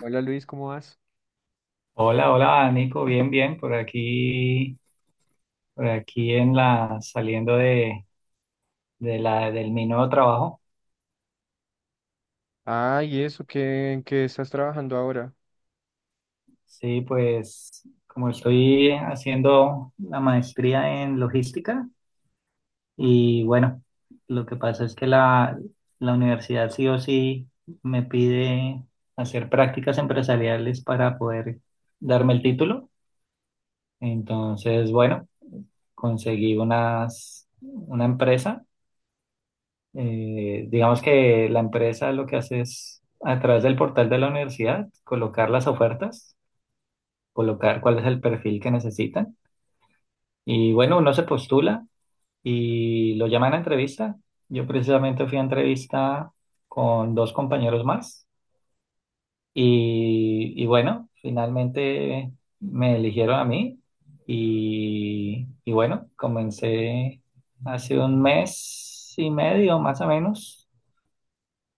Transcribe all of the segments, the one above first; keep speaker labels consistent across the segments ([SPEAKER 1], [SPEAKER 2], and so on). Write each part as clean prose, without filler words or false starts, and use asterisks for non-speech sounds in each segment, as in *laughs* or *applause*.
[SPEAKER 1] Hola Luis, ¿cómo vas?
[SPEAKER 2] Hola, hola, Nico, bien, bien, por aquí saliendo del mi nuevo trabajo.
[SPEAKER 1] Ah, ¿y eso? ¿Qué, en qué estás trabajando ahora?
[SPEAKER 2] Sí, pues como estoy haciendo la maestría en logística y bueno, lo que pasa es que la universidad sí o sí me pide hacer prácticas empresariales para poder darme el título. Entonces, bueno, conseguí una empresa. Digamos que la empresa lo que hace es, a través del portal de la universidad, colocar las ofertas, colocar cuál es el perfil que necesitan. Y bueno, uno se postula y lo llaman a entrevista. Yo precisamente fui a entrevista con dos compañeros más y bueno, finalmente me eligieron a mí y bueno, comencé hace un mes y medio más o menos.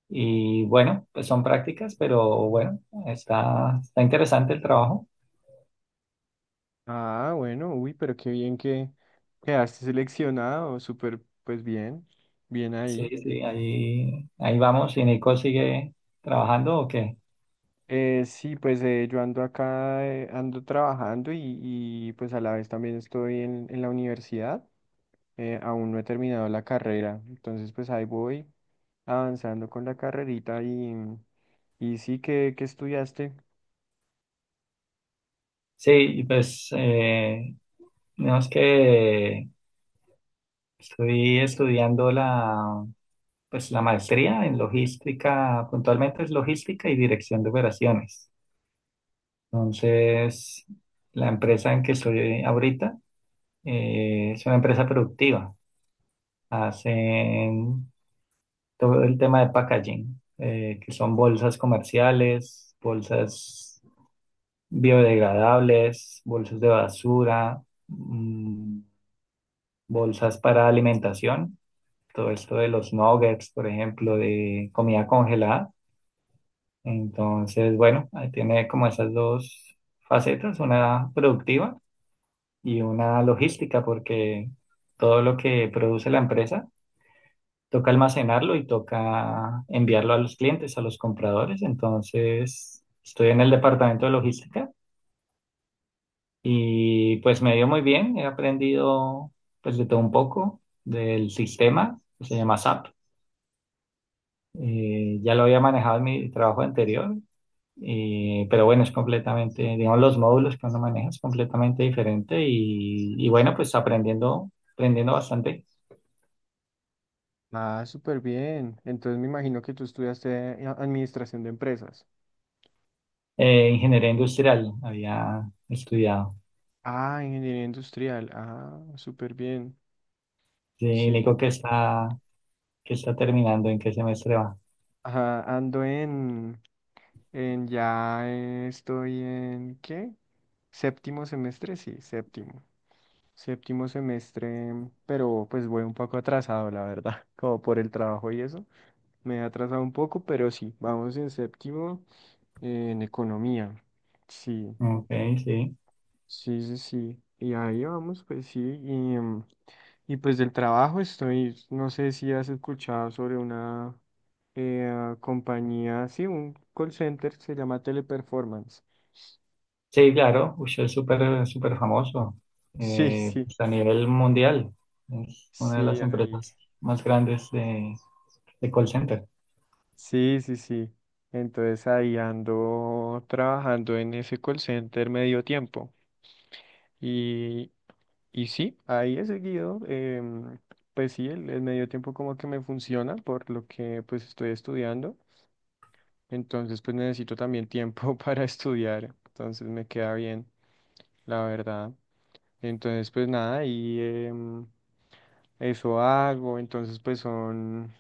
[SPEAKER 2] Y bueno, pues son prácticas, pero bueno, está interesante el trabajo.
[SPEAKER 1] Ah, bueno, uy, pero qué bien que quedaste seleccionado, súper, pues bien, bien
[SPEAKER 2] Sí,
[SPEAKER 1] ahí.
[SPEAKER 2] sí, ahí vamos. ¿Y Nico sigue trabajando o qué?
[SPEAKER 1] Sí, pues yo ando acá, ando trabajando y pues a la vez también estoy en la universidad, aún no he terminado la carrera, entonces pues ahí voy avanzando con la carrerita y sí, ¿qué, qué estudiaste?
[SPEAKER 2] Sí, pues no es que estoy estudiando pues, la maestría en logística, puntualmente es logística y dirección de operaciones. Entonces, la empresa en que estoy ahorita es una empresa productiva. Hacen todo el tema de packaging, que son bolsas comerciales, bolsas biodegradables, bolsas de basura, mm, bolsas para alimentación, todo esto de los nuggets, por ejemplo, de comida congelada. Entonces, bueno, ahí tiene como esas dos facetas, una productiva y una logística, porque todo lo que produce la empresa toca almacenarlo y toca enviarlo a los clientes, a los compradores. Entonces, estoy en el departamento de logística y pues me dio muy bien. He aprendido pues de todo un poco del sistema que se llama SAP. Ya lo había manejado en mi trabajo anterior, pero bueno, es completamente, digamos, los módulos que uno maneja es completamente diferente y bueno, pues aprendiendo, aprendiendo bastante.
[SPEAKER 1] Ah, súper bien. Entonces me imagino que tú estudiaste administración de empresas.
[SPEAKER 2] Ingeniería industrial había estudiado.
[SPEAKER 1] Ah, ingeniería industrial. Ah, súper bien.
[SPEAKER 2] Sí,
[SPEAKER 1] Sí.
[SPEAKER 2] Nico que está terminando, ¿en qué semestre va?
[SPEAKER 1] Ajá, ando en, ya estoy en, ¿qué? Séptimo semestre, sí, séptimo. Séptimo semestre, pero pues voy un poco atrasado, la verdad, *laughs* como por el trabajo y eso. Me he atrasado un poco, pero sí, vamos en séptimo en economía. Sí.
[SPEAKER 2] Ok, sí.
[SPEAKER 1] Sí, sí, sí. Y ahí vamos, pues sí. Y, y pues del trabajo estoy, no sé si has escuchado sobre una compañía, sí, un call center, se llama Teleperformance.
[SPEAKER 2] Sí, claro, uy, es súper, súper famoso,
[SPEAKER 1] Sí, sí,
[SPEAKER 2] pues a nivel mundial. Es una de
[SPEAKER 1] sí,
[SPEAKER 2] las
[SPEAKER 1] ahí.
[SPEAKER 2] empresas más grandes de call center.
[SPEAKER 1] Sí, sí, sí. Entonces ahí ando trabajando en ese call center medio tiempo. Y, y sí, ahí he seguido. Pues sí, el medio tiempo como que me funciona por lo que pues estoy estudiando. Entonces, pues necesito también tiempo *laughs* para estudiar. Entonces me queda bien, la verdad. Entonces, pues nada, y em, eso hago. Entonces, pues son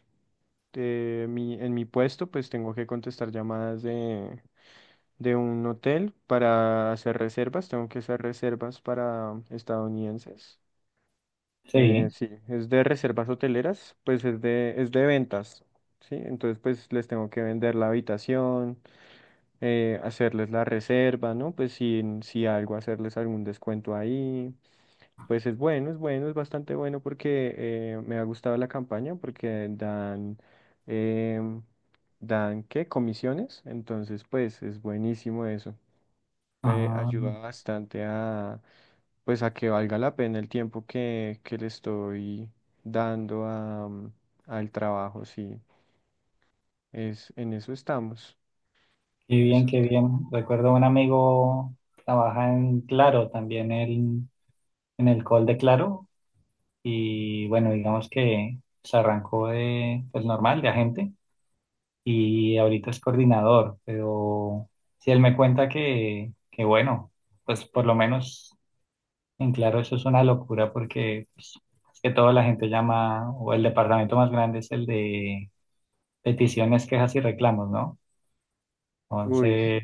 [SPEAKER 1] en mi puesto, pues tengo que contestar llamadas de un hotel para hacer reservas. Tengo que hacer reservas para estadounidenses.
[SPEAKER 2] Sí.
[SPEAKER 1] Sí, es de reservas hoteleras, pues es de ventas, ¿sí? Entonces, pues les tengo que vender la habitación, hacerles la reserva, ¿no? Pues si, si algo, hacerles algún descuento ahí. Pues es bueno, es bueno, es bastante bueno porque me ha gustado la campaña porque dan, em, dan, ¿qué? Comisiones. Entonces, pues es buenísimo eso.
[SPEAKER 2] Ah,
[SPEAKER 1] Ayuda bastante a, pues a que valga la pena el tiempo que le estoy dando a, al trabajo, sí. Es, en eso estamos.
[SPEAKER 2] qué bien,
[SPEAKER 1] Eso
[SPEAKER 2] qué
[SPEAKER 1] te-
[SPEAKER 2] bien. Recuerdo un amigo trabaja en Claro, también él, en el call de Claro. Y bueno, digamos que se arrancó pues normal, de agente. Y ahorita es coordinador, pero si él me cuenta que bueno, pues por lo menos en Claro eso es una locura porque pues, es que toda la gente llama, o el departamento más grande es el de peticiones, quejas y reclamos, ¿no?
[SPEAKER 1] Uy.
[SPEAKER 2] Entonces,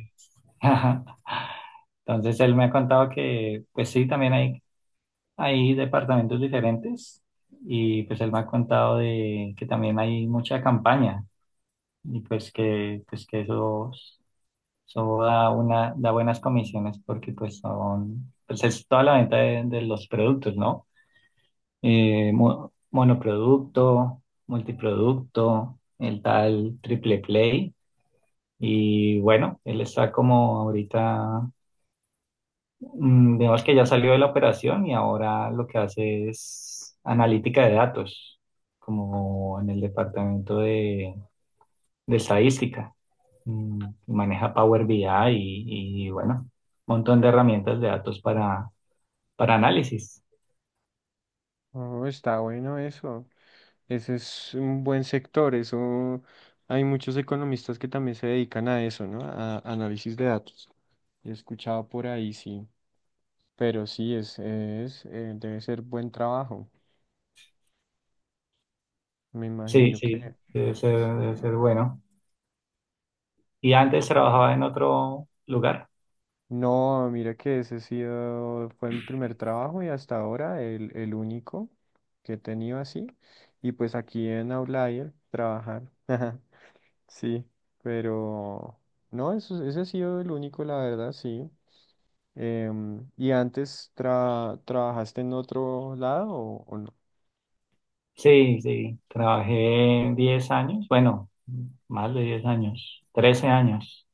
[SPEAKER 2] *laughs* entonces él me ha contado que pues sí, también hay departamentos diferentes y pues él me ha contado de que también hay mucha campaña y pues que eso. Eso da, da buenas comisiones porque pues pues es toda la venta de los productos, ¿no? Monoproducto, multiproducto, el tal triple play. Y bueno, él está como ahorita, digamos que ya salió de la operación y ahora lo que hace es analítica de datos, como en el departamento de estadística. mm, Maneja Power BI y, bueno, un montón de herramientas de datos para análisis.
[SPEAKER 1] Oh, está bueno eso. Ese es un buen sector. Eso hay muchos economistas que también se dedican a eso, ¿no? A análisis de datos. He escuchado por ahí, sí. Pero sí, es, debe ser buen trabajo. Me
[SPEAKER 2] Sí,
[SPEAKER 1] imagino
[SPEAKER 2] sí,
[SPEAKER 1] que.
[SPEAKER 2] debe ser bueno. Y antes
[SPEAKER 1] Súper.
[SPEAKER 2] trabajaba en otro lugar.
[SPEAKER 1] No, mira que ese ha sido, fue mi primer trabajo y hasta ahora el único que he tenido así. Y pues aquí en Outlier, trabajar. *laughs* Sí, pero no, eso, ese ha sido el único, la verdad, sí. Em, ¿y antes trabajaste en otro lado o no?
[SPEAKER 2] Sí, sí, trabajé 10 años, bueno, más de 10 años, 13 años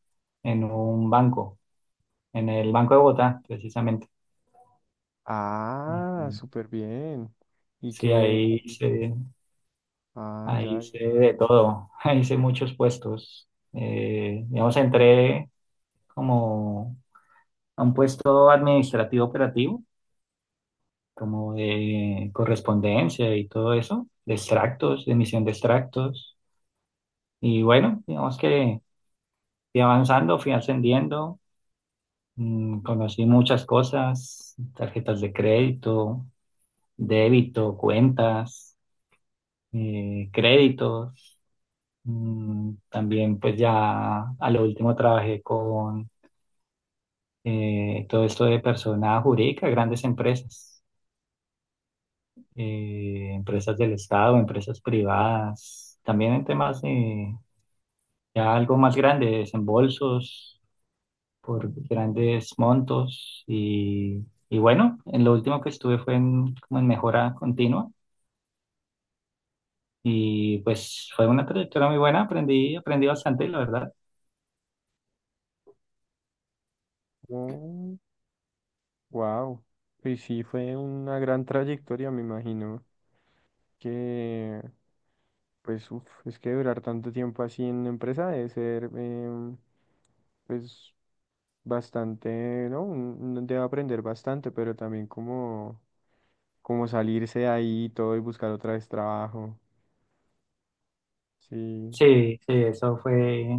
[SPEAKER 2] en un banco, en el Banco de Bogotá, precisamente. Y
[SPEAKER 1] Ah,
[SPEAKER 2] y
[SPEAKER 1] súper bien. ¿Y
[SPEAKER 2] Sí,
[SPEAKER 1] qué?
[SPEAKER 2] ahí hice,
[SPEAKER 1] Ah,
[SPEAKER 2] ahí
[SPEAKER 1] ya.
[SPEAKER 2] hice de todo, *laughs* ahí hice muchos puestos. Digamos, entré como a un puesto administrativo operativo, como de correspondencia y todo eso, de extractos, de emisión de extractos. Y bueno, digamos que fui avanzando, fui ascendiendo, conocí muchas cosas, tarjetas de crédito, débito, cuentas, créditos. También pues ya a lo último trabajé con todo esto de persona jurídica, grandes empresas. Empresas del Estado, empresas privadas, también en temas de ya algo más grande, desembolsos por grandes montos y bueno, en lo último que estuve fue en, como en mejora continua y pues fue una trayectoria muy buena, aprendí, aprendí bastante, la verdad.
[SPEAKER 1] Oh, wow. Y sí, fue una gran trayectoria, me imagino. Que, pues, uf, es que durar tanto tiempo así en la empresa debe ser, pues, bastante, ¿no? Un- Uno debe aprender bastante, pero también como, como salirse de ahí y todo y buscar otra vez trabajo. Sí.
[SPEAKER 2] Sí, sí, eso fue,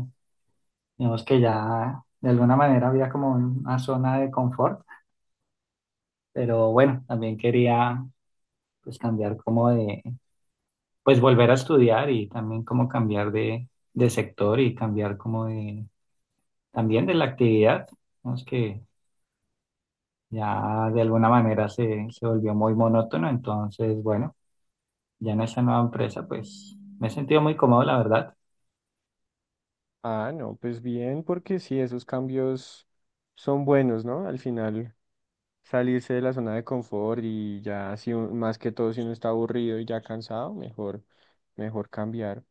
[SPEAKER 2] digamos que ya de alguna manera había como una zona de confort, pero bueno, también quería pues cambiar como de pues volver a estudiar y también como cambiar de sector y cambiar como también de la actividad, digamos que ya de alguna manera se volvió muy monótono, entonces bueno, ya en esa nueva empresa pues me he sentido muy cómodo, la verdad.
[SPEAKER 1] Ah, no, pues bien, porque sí, esos cambios son buenos, ¿no? Al final, salirse de la zona de confort y ya, si, un- más que todo, si uno está aburrido y ya cansado, mejor, mejor cambiar.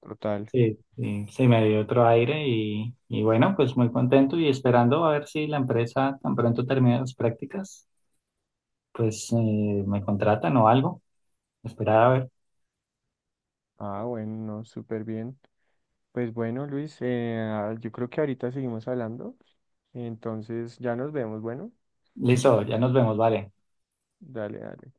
[SPEAKER 1] Total.
[SPEAKER 2] Sí, sí, sí, me dio otro aire y bueno, pues muy contento y esperando a ver si la empresa tan pronto termina las prácticas, pues me contratan o algo. Esperar a ver.
[SPEAKER 1] Ah, bueno, no, súper bien. Pues bueno, Luis, yo creo que ahorita seguimos hablando. Entonces ya nos vemos. Bueno,
[SPEAKER 2] Listo, ya nos vemos, vale.
[SPEAKER 1] dale, dale.